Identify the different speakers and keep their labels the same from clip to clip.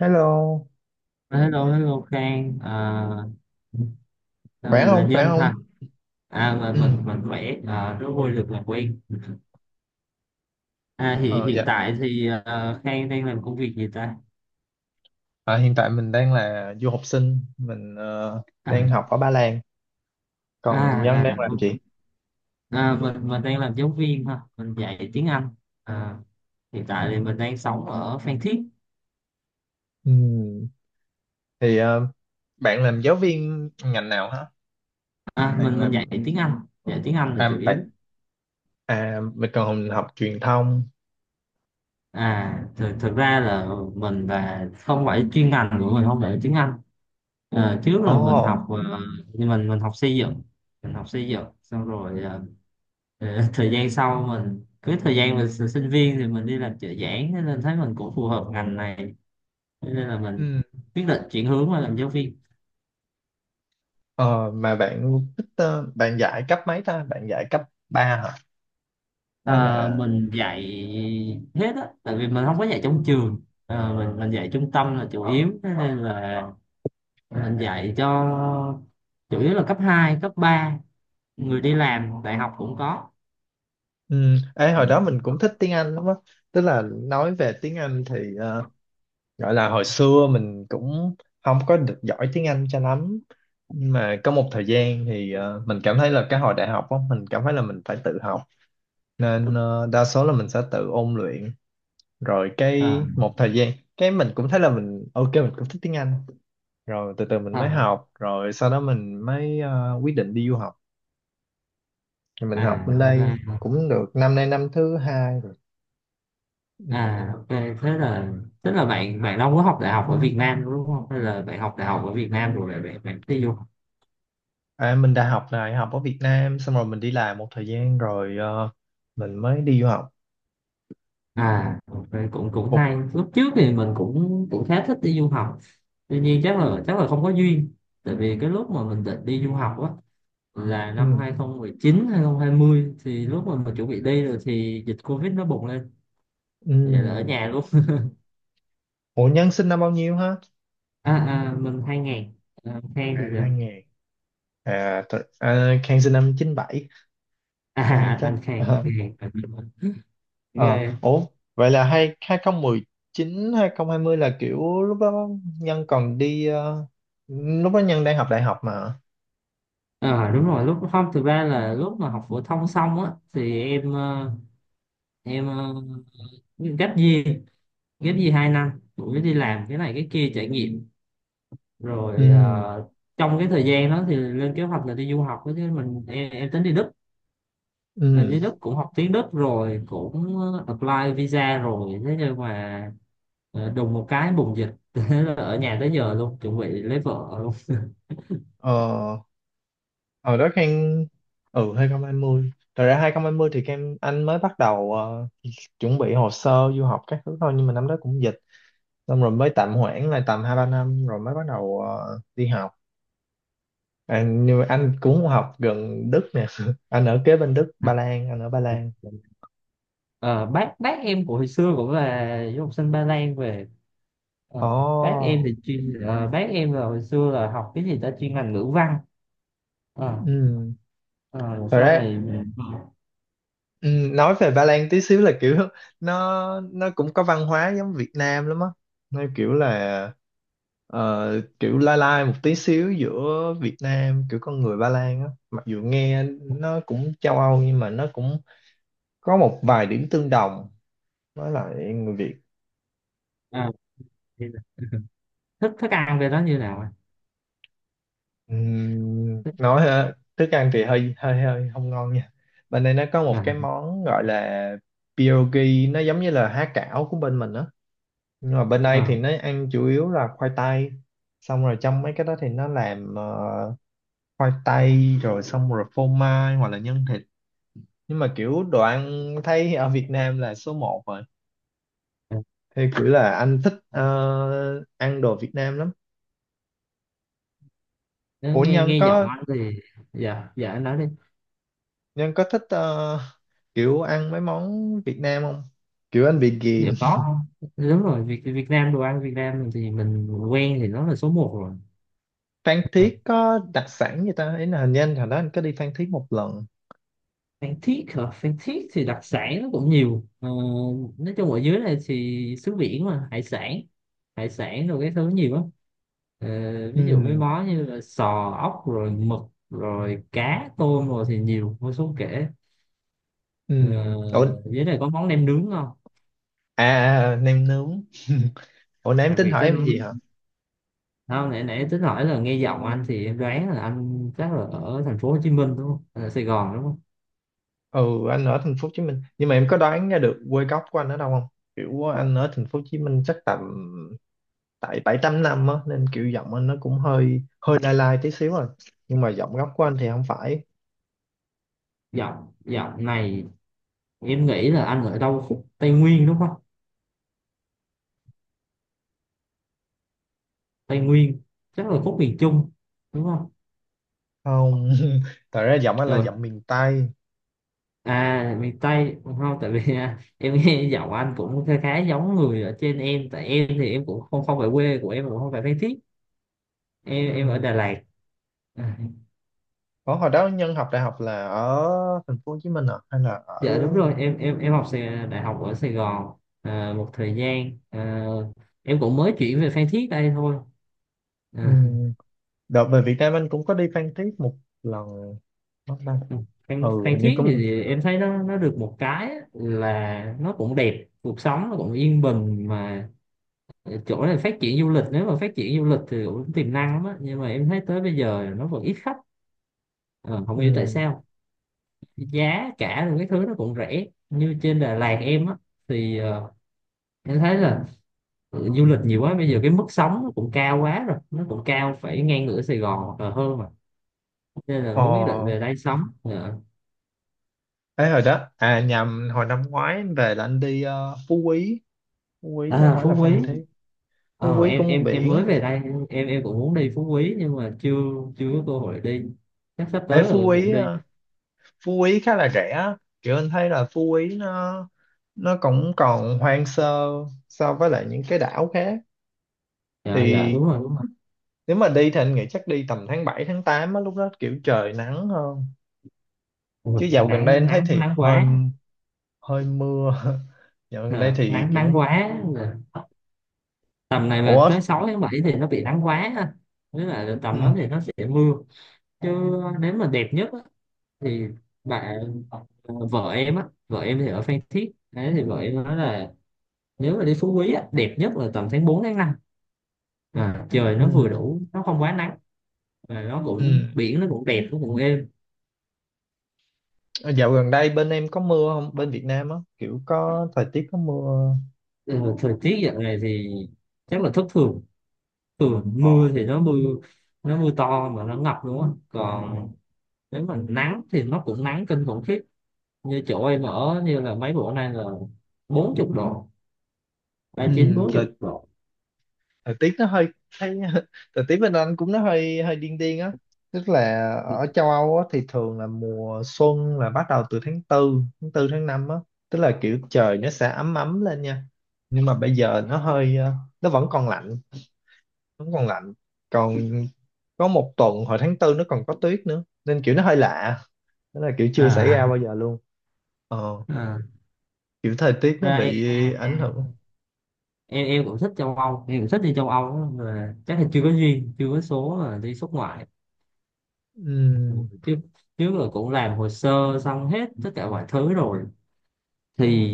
Speaker 1: Hello,
Speaker 2: Hello, hello Khang,
Speaker 1: khỏe
Speaker 2: mình là
Speaker 1: không khỏe
Speaker 2: Nhân
Speaker 1: không.
Speaker 2: ha. Mình mình
Speaker 1: Ừ.
Speaker 2: mình khỏe, rất vui được làm quen. Hiện
Speaker 1: ờ,
Speaker 2: hiện
Speaker 1: dạ.
Speaker 2: tại thì à, Khang đang làm công việc gì ta?
Speaker 1: Hiện tại mình đang là du học sinh, mình
Speaker 2: À,
Speaker 1: đang học ở Ba Lan. Còn Nhân
Speaker 2: à,
Speaker 1: đang làm gì?
Speaker 2: ok. Mình đang làm giáo viên ha, mình dạy tiếng Anh. À, hiện tại thì mình đang sống ở Phan Thiết.
Speaker 1: Ừ. Thì bạn làm giáo viên ngành nào hả?
Speaker 2: À,
Speaker 1: Bạn
Speaker 2: mình
Speaker 1: làm
Speaker 2: dạy tiếng Anh là
Speaker 1: à,
Speaker 2: chủ
Speaker 1: bạn
Speaker 2: yếu.
Speaker 1: à Mình còn học truyền thông.
Speaker 2: À, thực ra là mình không phải chuyên ngành của mình không phải tiếng Anh. Ờ, trước
Speaker 1: Ồ.
Speaker 2: là mình học ờ, Nhưng mình học xây dựng. Mình học xây dựng xong rồi, thời gian sau mình cứ thời gian mình s- sinh viên thì mình đi làm trợ giảng, thế nên thấy mình cũng phù hợp ngành này. Thế nên là mình
Speaker 1: Ừ.
Speaker 2: quyết định chuyển hướng qua làm giáo viên.
Speaker 1: ờ, mà bạn thích, bạn dạy cấp mấy ta, bạn dạy cấp 3 hả? Hay
Speaker 2: Ờ,
Speaker 1: là...
Speaker 2: mình dạy hết á, tại vì mình không có dạy trong trường. Ờ, mình dạy trung tâm là chủ yếu, thế nên là mình dạy cho, chủ yếu là cấp 2 cấp ba, người đi làm đại học cũng có.
Speaker 1: Ừ. Ê, hồi đó mình cũng thích tiếng Anh lắm á, tức là nói về tiếng Anh thì gọi là hồi xưa mình cũng không có được giỏi tiếng Anh cho lắm, nhưng mà có một thời gian thì mình cảm thấy là cái hồi đại học á mình cảm thấy là mình phải tự học, nên đa số là mình sẽ tự ôn luyện, rồi
Speaker 2: Ờ,
Speaker 1: cái một thời gian cái mình cũng thấy là mình ok, mình cũng thích tiếng Anh, rồi từ từ mình
Speaker 2: ờ,
Speaker 1: mới học, rồi sau đó mình mới quyết định đi du học, thì mình học bên
Speaker 2: À ok.
Speaker 1: đây cũng được năm nay năm thứ hai rồi. Ừ.
Speaker 2: À, ok, thế là, tức là bạn bạn đâu có học đại học ở Việt Nam đúng không? Hay là bạn học đại học ở Việt Nam rồi lại bạn bạn đi du học?
Speaker 1: À, mình đã học đại học ở Việt Nam xong rồi mình đi làm một thời gian rồi mình mới đi du học.
Speaker 2: À, ok, cũng cũng
Speaker 1: Ủa.
Speaker 2: hay. Lúc trước thì mình cũng cũng khá thích đi du học. Tuy nhiên chắc là không có duyên. Tại vì cái lúc mà mình định đi du học á là
Speaker 1: Ừ.
Speaker 2: năm hai không một chín hai không hai 2020, thì lúc mà mình chuẩn bị đi rồi thì dịch Covid nó bùng lên. Vậy là ở
Speaker 1: Ừ.
Speaker 2: nhà luôn.
Speaker 1: Ủa Nhân sinh năm bao nhiêu hả?
Speaker 2: À, à mình 2000. À, Khang thì
Speaker 1: À hai
Speaker 2: sao?
Speaker 1: ngàn. À, thật, à Khang sinh năm chín bảy. Khang
Speaker 2: À,
Speaker 1: chắc...
Speaker 2: anh Khang, anh
Speaker 1: Ờ. Ờ.
Speaker 2: Khang.
Speaker 1: Ủa, vậy là hai hai không mười chín hai không hai mươi là kiểu lúc đó Nhân còn đi, lúc đó Nhân đang học đại học mà.
Speaker 2: Ờ đúng rồi lúc không thực ra là lúc mà học phổ thông xong á thì em gap year. Gap year hai năm, cũng đi làm cái này cái kia trải nghiệm, rồi
Speaker 1: Ừ.
Speaker 2: trong cái thời gian đó thì lên kế hoạch là đi du học đó, chứ mình em tính đi Đức. Mà
Speaker 1: Ừ.
Speaker 2: đi Đức cũng học tiếng Đức rồi, cũng apply visa rồi, thế nhưng mà đùng một cái bùng dịch. Thế là ở nhà tới giờ luôn, chuẩn bị lấy vợ luôn.
Speaker 1: Ờ. Ở đó Khang. Ừ, hai không hai mươi, thật ra hai không hai mươi thì Khang, anh mới bắt đầu chuẩn bị hồ sơ du học các thứ thôi, nhưng mà năm đó cũng dịch, xong rồi mới tạm hoãn lại tầm hai ba năm rồi mới bắt đầu đi học. À, nhưng mà anh cũng học gần Đức nè anh ở kế bên Đức, Ba Lan, anh ở Ba Lan.
Speaker 2: Ờ, bác em của hồi xưa cũng là du học sinh Ba Lan về. Ờ,
Speaker 1: Ồ.
Speaker 2: bác em thì chuyên ờ, bác em là hồi xưa là học cái gì ta, chuyên ngành ngữ văn. Ờ,
Speaker 1: Ừ.
Speaker 2: ờ, rồi
Speaker 1: Thật
Speaker 2: sau
Speaker 1: ra...
Speaker 2: này,
Speaker 1: Ừ, nói về Ba Lan tí xíu là kiểu nó cũng có văn hóa giống Việt Nam lắm á, nó kiểu là ờ, kiểu lai lai một tí xíu giữa Việt Nam, kiểu con người Ba Lan á, mặc dù nghe nó cũng châu Âu nhưng mà nó cũng có một vài điểm tương đồng với lại người Việt.
Speaker 2: ờ, thì thức thức ăn về đó như nào ạ? Thức-
Speaker 1: Nói hả? Thức ăn thì hơi hơi hơi không ngon nha, bên đây nó có một
Speaker 2: ờ,
Speaker 1: cái món gọi là pierogi, nó giống như là há cảo của bên mình á, nhưng mà bên đây thì
Speaker 2: ờ,
Speaker 1: nó ăn chủ yếu là khoai tây, xong rồi trong mấy cái đó thì nó làm khoai tây rồi xong rồi phô mai hoặc là nhân thịt, nhưng mà kiểu đồ ăn thấy ở Việt Nam là số một rồi,
Speaker 2: ờ.
Speaker 1: thì kiểu là anh thích ăn đồ Việt Nam lắm.
Speaker 2: Nếu
Speaker 1: Ủa
Speaker 2: nghe
Speaker 1: Nhân
Speaker 2: nghe giọng
Speaker 1: có...
Speaker 2: anh thì, dạ dạ anh nói đi.
Speaker 1: Nhân có thích kiểu ăn mấy món Việt Nam không? Kiểu anh bị
Speaker 2: Dạ
Speaker 1: ghiền.
Speaker 2: có, đúng rồi Việt Việt Nam, đồ ăn Việt Nam thì mình quen thì nó là số một rồi.
Speaker 1: Phan
Speaker 2: Ờ.
Speaker 1: Thiết có đặc sản gì ta? Ý là hình như anh hồi đó anh có đi Phan Thiết một lần.
Speaker 2: Phan Thiết hả? Phan Thiết thì đặc sản nó cũng nhiều. Ờ, nói chung ở dưới này thì xứ biển mà, hải sản rồi cái thứ nhiều lắm. Ờ, ví dụ mấy
Speaker 1: Ừ.
Speaker 2: món như là sò, ốc rồi mực rồi cá tôm rồi thì nhiều vô số kể.
Speaker 1: Ừ.
Speaker 2: Ờ,
Speaker 1: Ủa,
Speaker 2: dưới này có món nem nướng không?
Speaker 1: nem nướng. Ủa nãy em
Speaker 2: Đặc
Speaker 1: tính
Speaker 2: biệt
Speaker 1: hỏi
Speaker 2: tới
Speaker 1: em
Speaker 2: món
Speaker 1: gì hả?
Speaker 2: nem. Không, nãy nãy tính hỏi là nghe giọng anh thì em đoán là anh chắc là ở thành phố Hồ Chí Minh đúng không? Hay Sài Gòn đúng không?
Speaker 1: Ừ, anh ở thành phố Hồ Chí Minh. Nhưng mà em có đoán ra được quê gốc của anh ở đâu không? Kiểu anh ở thành phố Hồ Chí Minh chắc tầm, tại bảy tám năm á, nên kiểu giọng anh nó cũng hơi hơi lai lai tí xíu rồi. Nhưng mà giọng gốc của anh thì không phải.
Speaker 2: Giọng Giọng này em nghĩ là anh ở đâu khúc Tây Nguyên đúng không? Tây Nguyên, chắc là khúc miền Trung đúng không?
Speaker 1: Không, thật ra giọng anh là
Speaker 2: Ừ.
Speaker 1: giọng miền Tây.
Speaker 2: À miền Tây không, tại vì à, em nghe giọng anh cũng khá khá giống người ở trên em, tại em thì em cũng không không phải, quê của em cũng không phải Phan Thiết, em ở
Speaker 1: Ừ.
Speaker 2: Đà Lạt. À,
Speaker 1: Ủa, hồi đó Nhân học đại học là ở thành phố Hồ Chí Minh à? Hay là ở...
Speaker 2: dạ đúng rồi em em học đại học ở Sài Gòn. À, một thời gian à, em cũng mới chuyển về Phan Thiết đây thôi. À,
Speaker 1: Ừ. Đợt về Việt Nam anh cũng có đi Phan Thiết một lần mất đâu. Ừ
Speaker 2: Phan
Speaker 1: hình như
Speaker 2: Thiết
Speaker 1: cũng...
Speaker 2: thì em thấy nó được một cái á, là nó cũng đẹp, cuộc sống nó cũng yên bình mà, chỗ này phát triển du lịch, nếu mà phát triển du lịch thì cũng tiềm năng lắm á, nhưng mà em thấy tới bây giờ nó vẫn ít khách. Ờ, không hiểu tại
Speaker 1: Ừ.
Speaker 2: sao, giá cả rồi cái thứ nó cũng rẻ như trên Đà Lạt em á, thì ờ, em thấy là ừ, du lịch nhiều quá bây giờ cái mức sống nó cũng cao quá rồi, nó cũng cao phải ngang ngửa Sài Gòn hoặc là hơn mà, nên là
Speaker 1: Ờ,
Speaker 2: mới quyết định về đây sống. Ờ.
Speaker 1: ấy hồi đó, à nhầm, hồi năm ngoái anh về là anh đi Phú Quý. Phú Quý chứ không
Speaker 2: À,
Speaker 1: phải là
Speaker 2: Phú
Speaker 1: Phan
Speaker 2: Quý,
Speaker 1: Thiết. Phú Quý
Speaker 2: em
Speaker 1: cũng
Speaker 2: em em
Speaker 1: biển.
Speaker 2: mới về đây, em cũng muốn đi Phú Quý nhưng mà chưa chưa có cơ hội đi, chắc sắp
Speaker 1: Ê,
Speaker 2: tới là
Speaker 1: Phú Quý
Speaker 2: cũng đi.
Speaker 1: Phú Quý khá là rẻ á. Kiểu anh thấy là Phú Quý nó cũng còn hoang sơ so với lại những cái đảo khác,
Speaker 2: Dạ dạ
Speaker 1: thì
Speaker 2: đúng rồi, đúng rồi.
Speaker 1: nếu mà đi thì anh nghĩ chắc đi tầm tháng 7 tháng 8 á, lúc đó kiểu trời nắng hơn,
Speaker 2: Ôi,
Speaker 1: chứ dạo gần đây
Speaker 2: nắng
Speaker 1: anh thấy
Speaker 2: nắng
Speaker 1: thì
Speaker 2: nắng
Speaker 1: hơi
Speaker 2: quá.
Speaker 1: hơi mưa. Dạo gần đây
Speaker 2: Ờ,
Speaker 1: thì
Speaker 2: nắng nắng
Speaker 1: kiểu...
Speaker 2: quá. Ờ, tầm này mà
Speaker 1: Ủa.
Speaker 2: tới 6 tháng 7 thì nó bị nắng quá ha. Nghĩa là tầm đó
Speaker 1: Ừ.
Speaker 2: thì nó sẽ mưa, chứ nếu mà đẹp nhất á, thì bạn ờ, vợ em á, vợ em thì ở Phan Thiết đấy, thì vợ em nói là nếu mà đi Phú Quý á, đẹp nhất là tầm tháng 4 tháng 5. À, trời nó vừa
Speaker 1: Ừ.
Speaker 2: đủ, nó không quá nắng và nó cũng
Speaker 1: Ừ.
Speaker 2: biển, nó cũng đẹp, nó cũng êm.
Speaker 1: Ờ, dạo gần đây bên em có mưa không, bên Việt Nam á, kiểu có thời tiết có mưa?
Speaker 2: Ừ, thời tiết dạo này thì chắc là thất thường, ừ,
Speaker 1: Ờ.
Speaker 2: mưa thì nó mưa, nó mưa to mà nó ngập luôn á, còn nếu mà nắng thì nó cũng nắng kinh khủng khiếp, như chỗ em
Speaker 1: Ờ.
Speaker 2: ở như là mấy bữa nay là 40 độ,
Speaker 1: Ừ,
Speaker 2: ba chín bốn chục
Speaker 1: thời
Speaker 2: độ
Speaker 1: thời tiết nó hơi... thấy thời tiết bên anh cũng nó hơi hơi điên điên á, tức là ở châu Âu á, thì thường là mùa xuân là bắt đầu từ tháng tư, tháng tư tháng 5 á, tức là kiểu trời nó sẽ ấm ấm lên nha, nhưng mà bây giờ nó hơi nó vẫn còn lạnh, vẫn còn lạnh, còn có một tuần hồi tháng tư nó còn có tuyết nữa nên kiểu nó hơi lạ, tức là kiểu chưa xảy ra bao
Speaker 2: à,
Speaker 1: giờ luôn. ờ,
Speaker 2: à.
Speaker 1: Kiểu thời tiết nó
Speaker 2: Ra em,
Speaker 1: bị ảnh hưởng.
Speaker 2: em cũng thích châu Âu, em cũng thích đi châu Âu á, mà chắc là chưa có duyên, chưa có số là đi xuất ngoại. Ừ,
Speaker 1: Ừm.
Speaker 2: chứ trước là cũng làm hồ sơ xong hết tất cả mọi thứ rồi, thì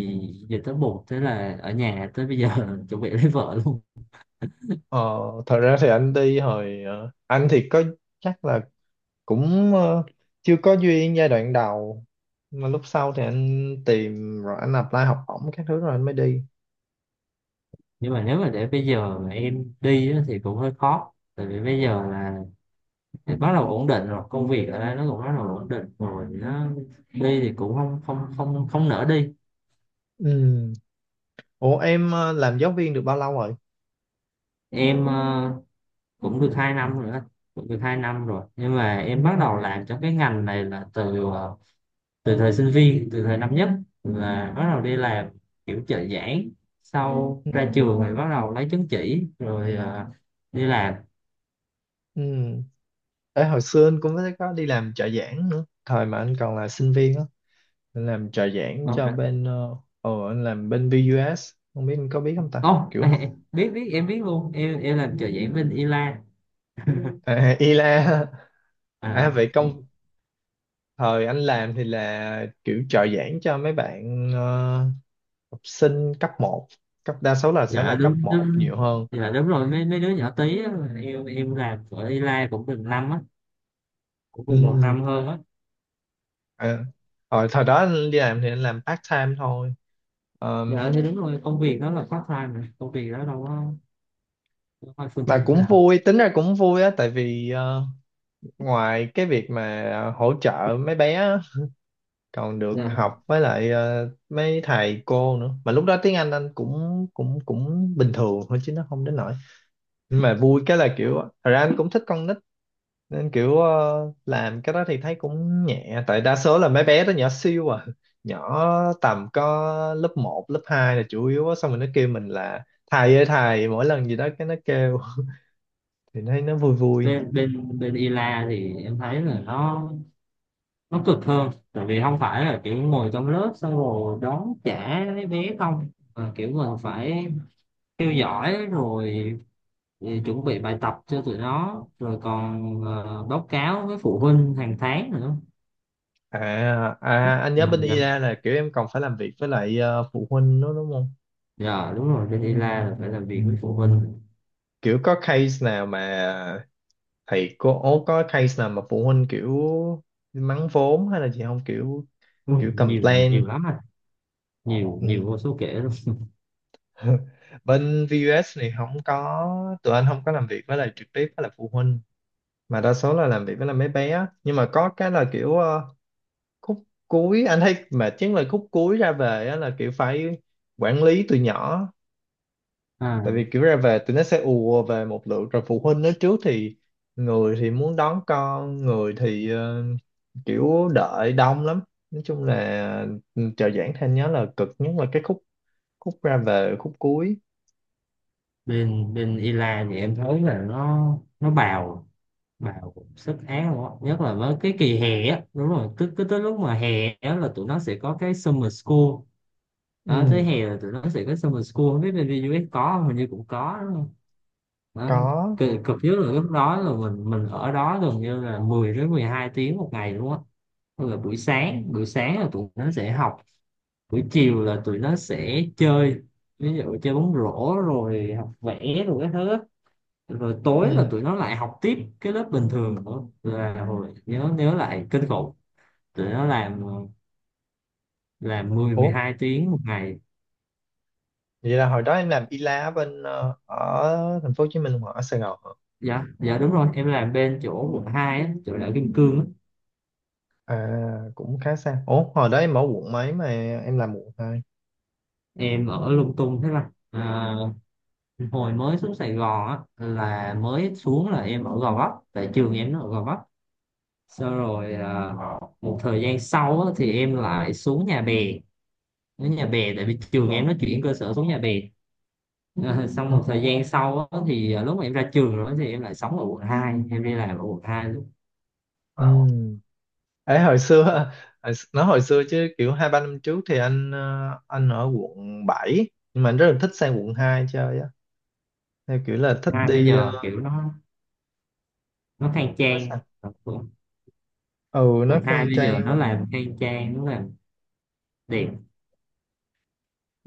Speaker 2: giờ tới buộc, thế là ở nhà tới bây giờ. Chuẩn bị lấy vợ luôn.
Speaker 1: ờ, Thật ra thì anh đi hồi anh thì có chắc là cũng chưa có duyên giai đoạn đầu, mà lúc sau thì anh tìm rồi anh apply học bổng các thứ rồi anh mới đi.
Speaker 2: Nhưng mà nếu mà để bây giờ mà em đi á, thì cũng hơi khó, tại vì bây giờ là bắt đầu ổn định rồi, công việc ở đây nó cũng bắt đầu ổn định rồi, nó đi thì cũng không không không không nỡ đi.
Speaker 1: Ừ. Ủa em làm giáo viên được bao lâu rồi?
Speaker 2: Em cũng được 2 năm rồi đó, cũng được 2 năm rồi, nhưng mà em bắt đầu làm trong cái ngành này là từ thời sinh viên, từ thời năm nhất là bắt đầu đi làm, kiểu trợ giảng, sau
Speaker 1: Ừ.
Speaker 2: ra trường thì bắt đầu lấy chứng chỉ rồi, đi làm.
Speaker 1: Ừ. Ê, hồi xưa anh cũng có đi làm trợ giảng nữa thời mà anh còn là sinh viên á, anh làm trợ giảng cho bên anh làm bên VUS không biết anh có biết không ta
Speaker 2: Ồ,
Speaker 1: kiểu họ...
Speaker 2: biết biết em biết luôn, em làm trợ giảng bên Ila.
Speaker 1: À, ILA. À
Speaker 2: À,
Speaker 1: vậy công, thời anh làm thì là kiểu trợ giảng cho mấy bạn học sinh cấp một, cấp đa số là sẽ là
Speaker 2: dạ
Speaker 1: cấp
Speaker 2: đúng
Speaker 1: một
Speaker 2: đúng
Speaker 1: nhiều hơn.
Speaker 2: dạ đúng rồi, mấy mấy đứa nhỏ tí á, em làm ở Ila cũng được năm á cũng được một
Speaker 1: Ừ.
Speaker 2: năm hơn á.
Speaker 1: À, hồi thời đó đi làm thì anh làm part time thôi. Ờ,
Speaker 2: Dạ thì đúng rồi, công việc đó là part time mà. Công việc đó đâu có, đâu phải full
Speaker 1: mà
Speaker 2: time
Speaker 1: cũng
Speaker 2: đâu.
Speaker 1: vui, tính ra cũng vui á, tại vì ngoài cái việc mà hỗ trợ mấy bé á, còn được
Speaker 2: Dạ.
Speaker 1: học với lại mấy thầy cô nữa, mà lúc đó tiếng anh cũng cũng cũng bình thường thôi chứ nó không đến nỗi, nhưng mà vui cái là kiểu thật ra anh cũng thích con nít, nên kiểu làm cái đó thì thấy cũng nhẹ, tại đa số là mấy bé đó nhỏ siêu à, nhỏ tầm có lớp một, lớp 2 là chủ yếu á, xong rồi nó kêu mình là thầy ơi thầy mỗi lần gì đó cái nó kêu thì nó vui vui.
Speaker 2: bên bên Bên Ila thì em thấy là nó cực hơn, tại vì không phải là kiểu ngồi trong lớp xong rồi đón trả mấy bé không, mà kiểu mình phải theo dõi rồi, thì chuẩn bị bài tập cho tụi nó, rồi còn báo cáo với phụ huynh hàng tháng nữa.
Speaker 1: à, anh
Speaker 2: Ừ,
Speaker 1: nhớ bên
Speaker 2: dạ.
Speaker 1: IDA là kiểu em còn phải làm việc với lại phụ huynh nữa đúng không,
Speaker 2: Dạ, đúng rồi, bên ILA là phải làm việc với phụ huynh.
Speaker 1: kiểu có case nào mà thầy cô có case nào mà phụ huynh kiểu mắng vốn hay là gì không, kiểu
Speaker 2: Ui,
Speaker 1: kiểu
Speaker 2: nhiều,
Speaker 1: complain.
Speaker 2: nhiều lắm anh, nhiều nhiều vô
Speaker 1: Ừ.
Speaker 2: số kể luôn.
Speaker 1: Bên VUS thì không có, tụi anh không có làm việc với lại trực tiếp với lại phụ huynh, mà đa số là làm việc với lại mấy bé á. Nhưng mà có cái là kiểu khúc cuối anh thấy mà chính là khúc cuối ra về á, là kiểu phải quản lý tụi nhỏ,
Speaker 2: À,
Speaker 1: tại vì kiểu ra về tụi nó sẽ ùa về một lượt rồi phụ huynh nó trước thì người thì muốn đón con, người thì kiểu đợi đông lắm, nói chung là ừ, trợ giảng thêm nhớ là cực nhất là cái khúc khúc ra về khúc cuối.
Speaker 2: bên bên ILA thì em thấy là nó bào, bào sức án luôn á, nhất là với cái kỳ hè á, đúng rồi, cứ cứ tới lúc mà hè á là tụi nó sẽ có cái summer school đó, tới
Speaker 1: Ừ
Speaker 2: hè là tụi nó sẽ có summer school, không biết bên US có không, hình như cũng có đó.
Speaker 1: có.
Speaker 2: Cực nhất là lúc đó là mình ở đó gần như là 10 đến 12 tiếng một ngày luôn á. Tức là buổi sáng là tụi nó sẽ học, buổi chiều là tụi nó sẽ chơi, ví dụ chơi bóng rổ rồi học vẽ rồi cái thứ á. Rồi tối là
Speaker 1: Ừ.
Speaker 2: tụi nó lại học tiếp cái lớp bình thường nữa, là hồi nhớ nhớ lại kinh khủng. Tụi nó làm mười mười
Speaker 1: Ủa
Speaker 2: hai tiếng một ngày.
Speaker 1: vậy là hồi đó em làm y lá bên ở thành phố Hồ Chí Minh hoặc ở Sài Gòn hả?
Speaker 2: Dạ dạ, đúng rồi, em làm bên chỗ quận 2 á, chỗ đảo Kim Cương á.
Speaker 1: À cũng khá xa, ủa hồi đó em ở quận mấy mà em làm quận hai.
Speaker 2: Em ở lung tung, thế là hồi mới xuống Sài Gòn á, là mới xuống là em ở Gò Vấp, tại trường em nó ở Gò Vấp. Sau rồi, một thời gian sau á, thì em lại xuống Nhà Bè, đến Nhà Bè tại vì trường em nó chuyển cơ sở xuống Nhà Bè. À, xong
Speaker 1: Ừ.
Speaker 2: một thời gian sau á, thì lúc mà em ra trường rồi thì em lại sống ở quận hai, em đi làm ở quận 2. Lúc
Speaker 1: Ừ. Ấy hồi xưa, hồi nói hồi xưa chứ kiểu hai ba năm trước thì anh anh ở quận 7 nhưng mà anh rất là thích sang quận 2 chơi á, theo kiểu là thích
Speaker 2: hai bây
Speaker 1: đi
Speaker 2: giờ kiểu nó khang
Speaker 1: nó
Speaker 2: trang.
Speaker 1: sao...
Speaker 2: quận
Speaker 1: Ừ nó
Speaker 2: quận hai
Speaker 1: khang
Speaker 2: bây giờ
Speaker 1: trang
Speaker 2: nó
Speaker 1: quá.
Speaker 2: làm khang trang, nó làm đẹp.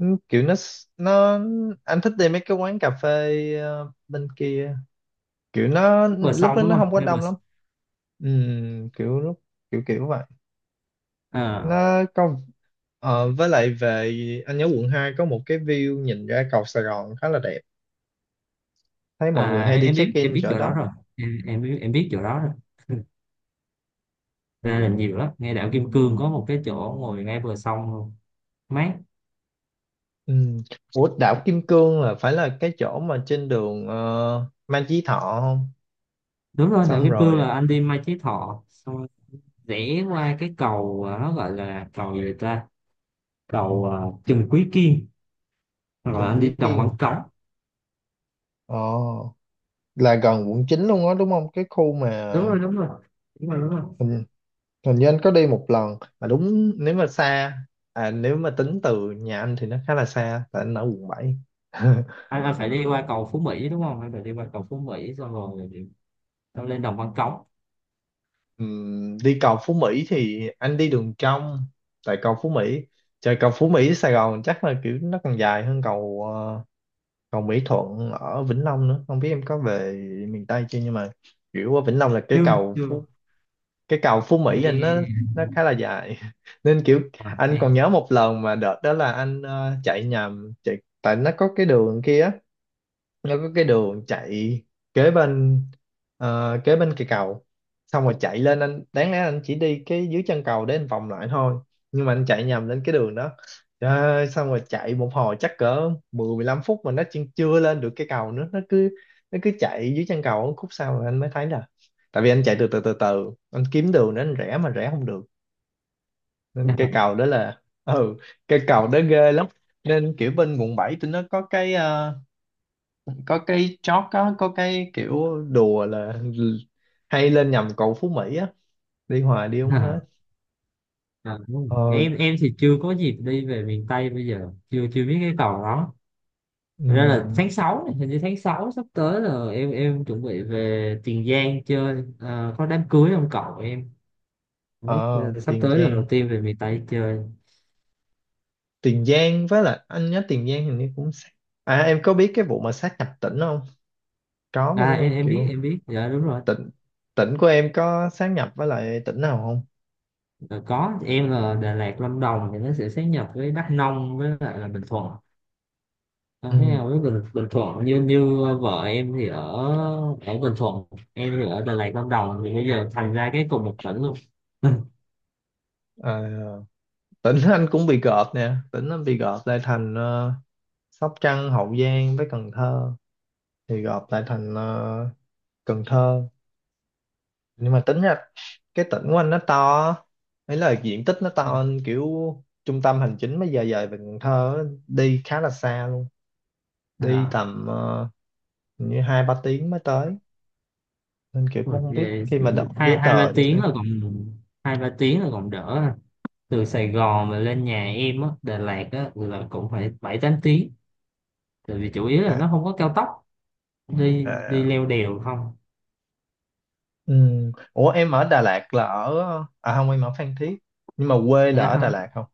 Speaker 1: Kiểu nó, anh thích đi mấy cái quán cà phê bên kia. Kiểu nó
Speaker 2: Vừa
Speaker 1: lúc
Speaker 2: xong
Speaker 1: đó
Speaker 2: đúng
Speaker 1: nó
Speaker 2: không
Speaker 1: không có
Speaker 2: nên
Speaker 1: đông lắm. Kiểu lúc kiểu kiểu vậy.
Speaker 2: mà.
Speaker 1: Nó có với lại, về anh nhớ quận 2 có một cái view nhìn ra cầu Sài Gòn khá là đẹp, thấy mọi người
Speaker 2: À,
Speaker 1: hay
Speaker 2: em,
Speaker 1: đi
Speaker 2: em
Speaker 1: check
Speaker 2: biết em
Speaker 1: in
Speaker 2: biết
Speaker 1: chỗ
Speaker 2: chỗ
Speaker 1: đó.
Speaker 2: đó rồi. Em biết chỗ đó rồi. Ra là nhiều lắm, ngay đảo Kim Cương có một cái chỗ ngồi ngay bờ sông luôn. Mát.
Speaker 1: Ừm, Ủa, đảo Kim Cương là phải là cái chỗ mà trên đường Mai Chí Thọ không?
Speaker 2: Đúng rồi, đảo
Speaker 1: Xong
Speaker 2: Kim Cương
Speaker 1: rồi à,
Speaker 2: là anh đi Mai Chí Thọ xong rồi, rẽ qua cái cầu, nó gọi là cầu gì ta, cầu Trần Quý Kiên, rồi
Speaker 1: Trần
Speaker 2: anh đi
Speaker 1: Quý
Speaker 2: Đồng Văn
Speaker 1: Kiên.
Speaker 2: Cống.
Speaker 1: Ồ, là gần quận 9 luôn á đúng không, cái khu mà
Speaker 2: Đúng rồi, đúng rồi. Đúng rồi, đúng rồi.
Speaker 1: ừ, hình như anh có đi một lần mà đúng. Nếu mà xa, à nếu mà tính từ nhà anh thì nó khá là xa, tại anh ở quận 7.
Speaker 2: Anh phải đi qua cầu Phú Mỹ đúng không, anh phải đi qua cầu Phú Mỹ xong rồi, xong lên Đồng Văn Cống.
Speaker 1: Đi cầu Phú Mỹ thì anh đi đường trong, tại cầu Phú Mỹ, trời cầu Phú Mỹ Sài Gòn chắc là kiểu nó còn dài hơn cầu cầu Mỹ Thuận ở Vĩnh Long nữa, không biết em có về miền Tây chưa, nhưng mà kiểu ở Vĩnh Long là cái
Speaker 2: Chưa,
Speaker 1: cầu
Speaker 2: chưa.
Speaker 1: Phú, cái cầu Phú Mỹ là nó
Speaker 2: Ê,
Speaker 1: nó khá là dài nên kiểu anh
Speaker 2: ê,
Speaker 1: còn nhớ một lần mà đợt đó là anh chạy nhầm chạy, tại nó có cái đường kia, nó có cái đường chạy kế bên, kế bên cây cầu. Xong rồi chạy lên, anh đáng lẽ anh chỉ đi cái dưới chân cầu để anh vòng lại thôi, nhưng mà anh chạy nhầm lên cái đường đó. Trời ơi, xong rồi chạy một hồi chắc cỡ 10 15 phút mà nó chưa lên được cây cầu nữa, nó cứ chạy dưới chân cầu, khúc sau rồi anh mới thấy là tại vì anh chạy từ từ từ từ anh kiếm đường để anh rẽ mà rẽ không được. Nên
Speaker 2: đúng
Speaker 1: cây
Speaker 2: rồi.
Speaker 1: cầu đó là ừ, cây cầu đó ghê lắm. Nên kiểu bên quận 7 tụi nó có cái có cái chót, có cái kiểu đùa là hay lên nhầm cầu Phú Mỹ á, đi hoài đi không hết.
Speaker 2: À, không.
Speaker 1: Ờ.
Speaker 2: Em thì chưa có dịp đi về miền Tây, bây giờ chưa chưa biết cái cầu đó. Thật ra là
Speaker 1: ừm,
Speaker 2: tháng 6 này, hình như tháng 6 sắp tới là em chuẩn bị về Tiền Giang chơi, có đám cưới ông cậu em. Đấy,
Speaker 1: ờ,
Speaker 2: sắp
Speaker 1: Tiền
Speaker 2: tới là đầu
Speaker 1: Giang.
Speaker 2: tiên về miền Tây chơi.
Speaker 1: Tiền Giang, với lại anh nhớ Tiền Giang hình như cũng sát, à em có biết cái vụ mà sát nhập tỉnh không? Có mà đúng
Speaker 2: Em
Speaker 1: không,
Speaker 2: em biết
Speaker 1: kiểu
Speaker 2: em biết dạ đúng rồi.
Speaker 1: tỉnh tỉnh của em có sát nhập với lại tỉnh nào không?
Speaker 2: Ờ, có, em là Đà Lạt Lâm Đồng thì nó sẽ sáp nhập với Đắk Nông với lại là Bình Thuận. À, thế
Speaker 1: Ừ.
Speaker 2: nào với Bình Thuận, như như vợ em thì ở, ở Bình Thuận. Em thì ở Đà Lạt Lâm Đồng thì bây giờ thành ra cái cùng một tỉnh luôn.
Speaker 1: À, tỉnh anh cũng bị gộp nè, tỉnh anh bị gộp lại thành Sóc Trăng, Hậu Giang với Cần Thơ, thì gộp lại thành Cần Thơ. Nhưng mà tính ra cái tỉnh của anh nó to, ấy là diện tích nó to hơn, kiểu trung tâm hành chính mới giờ dời về Cần Thơ á, đi khá là xa luôn, đi
Speaker 2: à,
Speaker 1: tầm hình như 2 3 tiếng mới tới, nên kiểu cũng không biết
Speaker 2: về
Speaker 1: khi mà đọc
Speaker 2: hai
Speaker 1: giấy
Speaker 2: hai ba
Speaker 1: tờ như thế
Speaker 2: tiếng
Speaker 1: nào.
Speaker 2: là còn, 2-3 tiếng là còn đỡ à. Từ Sài Gòn mà lên nhà em á, Đà Lạt á, là cũng phải 7-8 tiếng, tại vì chủ yếu là
Speaker 1: À.
Speaker 2: nó không có cao tốc. Đi đi
Speaker 1: À.
Speaker 2: leo đèo không?
Speaker 1: Ừ. Ủa em ở Đà Lạt là ở, à không em ở Phan Thiết nhưng mà quê là
Speaker 2: À
Speaker 1: ở
Speaker 2: ha.
Speaker 1: Đà Lạt không?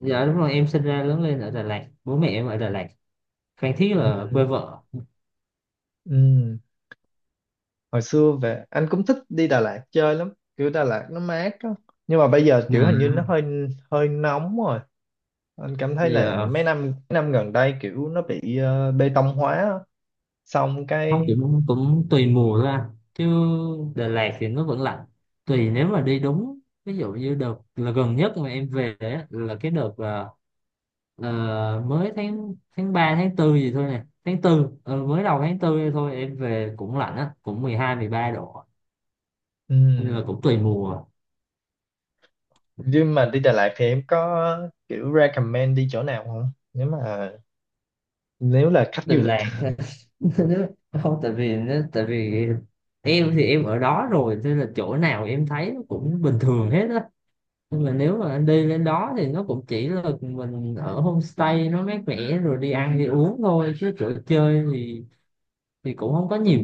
Speaker 2: Dạ đúng rồi, em sinh ra lớn lên ở Đà Lạt, bố mẹ em ở Đà Lạt. Phan Thiết
Speaker 1: Ừ.
Speaker 2: là quê vợ.
Speaker 1: Ừ. Hồi xưa về anh cũng thích đi Đà Lạt chơi lắm, kiểu Đà Lạt nó mát á, nhưng mà bây giờ
Speaker 2: Dạ.
Speaker 1: kiểu hình như nó hơi hơi nóng rồi. Anh cảm thấy là
Speaker 2: Giờ
Speaker 1: mấy năm gần đây kiểu nó bị bê tông hóa á. Xong
Speaker 2: không,
Speaker 1: cái
Speaker 2: cũng cũng tùy mùa thôi anh chứ. Đà Lạt thì nó vẫn lạnh. Tùy nếu mà đi đúng, ví dụ như đợt là gần nhất mà em về á, là cái đợt mới tháng tháng 3 tháng tư gì thôi nè, tháng 4, mới đầu tháng 4 thôi em về cũng lạnh á, cũng 12-13 độ. Nhưng
Speaker 1: ừm,
Speaker 2: mà cũng tùy mùa.
Speaker 1: nhưng mà đi Đà Lạt thì em có kiểu recommend đi chỗ nào không, nếu mà nếu là khách du
Speaker 2: Đà
Speaker 1: lịch?
Speaker 2: Lạt. Không, tại vì nó, tại vì em thì em ở đó rồi nên là chỗ nào em thấy nó cũng bình thường hết á. Nhưng mà nếu mà anh đi lên đó thì nó cũng chỉ là mình ở homestay nó mát mẻ, rồi đi ăn đi uống thôi, chứ chỗ chơi thì cũng không có nhiều.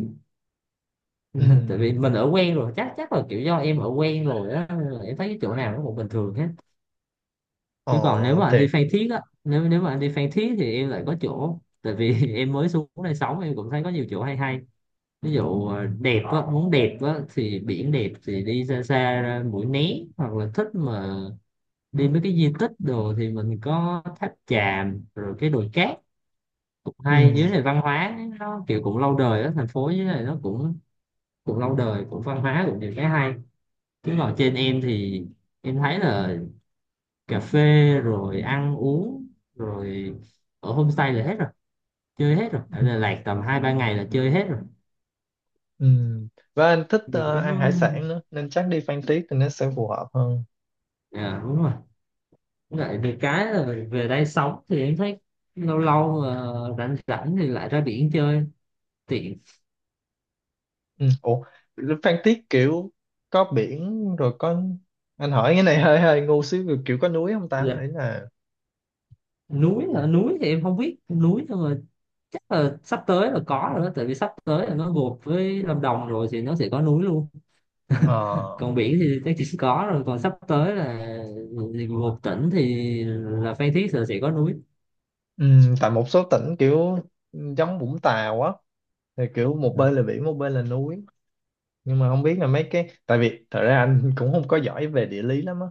Speaker 2: Tại
Speaker 1: Ừm.
Speaker 2: vì mình ở quen rồi, chắc chắc là kiểu do em ở quen rồi á, nên là em thấy cái chỗ nào nó cũng bình thường hết.
Speaker 1: Ờ
Speaker 2: Chứ còn nếu mà anh
Speaker 1: thì
Speaker 2: đi Phan Thiết á, nếu nếu mà anh đi Phan Thiết thì em lại có chỗ, tại vì em mới xuống đây sống em cũng thấy có nhiều chỗ hay hay. Ví dụ đẹp á, muốn đẹp á thì biển đẹp thì đi xa xa ra Mũi Né, hoặc là thích mà đi mấy cái di tích đồ thì mình có tháp chàm rồi cái đồi cát, cũng hay. Dưới
Speaker 1: ừm.
Speaker 2: này văn hóa nó kiểu cũng lâu đời đó, thành phố dưới này nó cũng cũng lâu đời, cũng văn hóa, cũng nhiều cái hay. Chứ còn trên em thì em thấy là cà phê, rồi ăn uống, rồi ở homestay là hết rồi. Chơi hết rồi, ở
Speaker 1: Ừm.
Speaker 2: Đà Lạt tầm 2-3 ngày là chơi hết rồi.
Speaker 1: Ừm. Và anh thích
Speaker 2: Được cái
Speaker 1: ăn
Speaker 2: nó,
Speaker 1: hải sản nữa nên chắc đi Phan Thiết thì nó sẽ phù hợp hơn.
Speaker 2: dạ, đúng rồi. Với lại được cái là về đây sống thì em thấy lâu lâu mà rảnh rảnh thì lại ra biển chơi, tiện.
Speaker 1: Ừm. Ủa Phan Thiết kiểu có biển rồi có, anh hỏi cái này hơi hơi ngu xíu, kiểu có núi không ta, ấy là
Speaker 2: Núi hả? Núi thì em không biết núi, nhưng mà chắc là sắp tới là có rồi đó, tại vì sắp tới là nó gộp với Lâm Đồng rồi thì nó sẽ có núi luôn.
Speaker 1: ờ.
Speaker 2: Còn biển thì chắc chỉ có rồi, còn sắp tới là thì gộp tỉnh thì là Phan Thiết là sẽ có núi.
Speaker 1: Ừ, tại một số tỉnh kiểu giống Vũng Tàu á thì kiểu một bên là biển một bên là núi. Nhưng mà không biết là mấy cái, tại vì thật ra anh cũng không có giỏi về địa lý lắm á,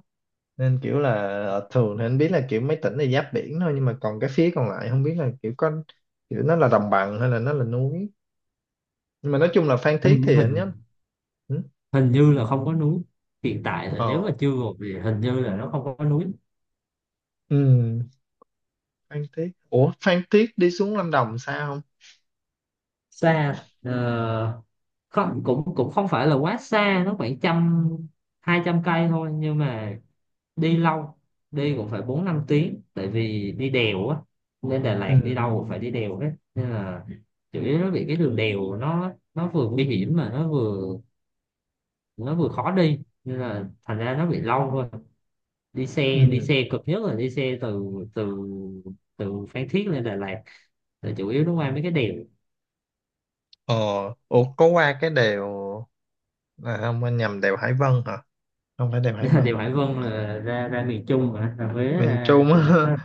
Speaker 1: nên kiểu là thường thì anh biết là kiểu mấy tỉnh là giáp biển thôi, nhưng mà còn cái phía còn lại không biết là kiểu có, kiểu nó là đồng bằng hay là nó là núi. Nhưng mà nói chung là Phan Thiết
Speaker 2: hình
Speaker 1: thì anh
Speaker 2: hình
Speaker 1: nhớ ừ.
Speaker 2: hình như là không có núi, hiện tại là nếu
Speaker 1: Ờ.
Speaker 2: mà chưa gộp thì hình như là nó không có núi.
Speaker 1: Ừ. Phan Thiết, ủa Phan Thiết đi xuống Lâm Đồng sao không?
Speaker 2: Xa không, cũng cũng không phải là quá xa, nó khoảng 100-200 cây thôi, nhưng mà đi lâu, đi cũng phải 4-5 tiếng, tại vì đi đèo á. Lên Đà Lạt đi
Speaker 1: Ừ.
Speaker 2: đâu cũng phải đi đèo hết nên là chủ yếu nó bị cái đường đèo, nó vừa nguy hiểm mà nó vừa, nó vừa khó đi nên là thành ra nó bị lâu thôi. đi xe đi
Speaker 1: Ừ.
Speaker 2: xe cực nhất là đi xe từ từ từ Phan Thiết lên Đà Lạt là chủ yếu nó qua mấy cái đèo.
Speaker 1: Ờ, ủa có qua cái đèo, là không anh nhầm đèo Hải Vân hả? Không phải đèo Hải Vân,
Speaker 2: Đèo Hải Vân là ra ra miền Trung, mà ra Huế,
Speaker 1: miền
Speaker 2: ra
Speaker 1: Trung
Speaker 2: Đà
Speaker 1: á.
Speaker 2: Nẵng.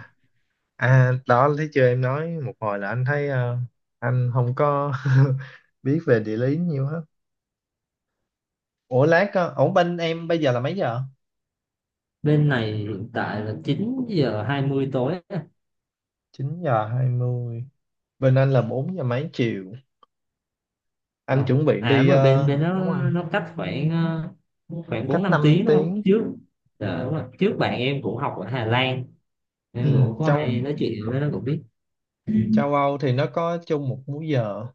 Speaker 1: À đó anh thấy chưa, em nói một hồi là anh thấy anh không có biết về địa lý nhiều hết. Ủa lát ổn, bên em bây giờ là mấy giờ?
Speaker 2: Bên này hiện tại là 9:20 tối.
Speaker 1: 9 giờ 20. Bên anh là 4 giờ mấy chiều. Anh
Speaker 2: Ờ.
Speaker 1: chuẩn bị
Speaker 2: À
Speaker 1: đi
Speaker 2: đúng rồi, bên bên
Speaker 1: đúng
Speaker 2: nó
Speaker 1: không?
Speaker 2: nó cách khoảng khoảng bốn
Speaker 1: Cách
Speaker 2: năm
Speaker 1: 5
Speaker 2: tiếng đúng không
Speaker 1: tiếng.
Speaker 2: trước. Dạ, đúng rồi. Trước bạn em cũng học ở Hà Lan, nên
Speaker 1: Ừ,
Speaker 2: cũng có
Speaker 1: châu
Speaker 2: hay nói chuyện với nó, cũng biết. Ừ.
Speaker 1: châu Âu thì nó có chung một múi giờ.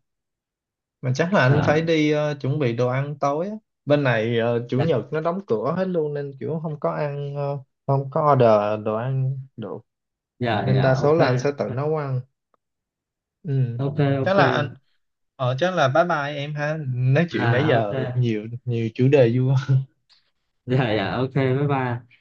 Speaker 1: Mà chắc là anh
Speaker 2: Ờ,
Speaker 1: phải đi chuẩn bị đồ ăn tối á. Bên này chủ
Speaker 2: dạ,
Speaker 1: nhật nó đóng cửa hết luôn nên kiểu không có ăn không có order đồ ăn được,
Speaker 2: dạ,
Speaker 1: nên đa
Speaker 2: dạ,
Speaker 1: số
Speaker 2: ok,
Speaker 1: là anh sẽ tự nấu ăn. Ừ.
Speaker 2: ok,
Speaker 1: Chắc
Speaker 2: ok.
Speaker 1: là anh ờ chắc là bye bye em ha, nói chuyện nãy
Speaker 2: À ok.
Speaker 1: giờ nhiều nhiều chủ đề vui
Speaker 2: Dạ, dạ, ok, bye bye.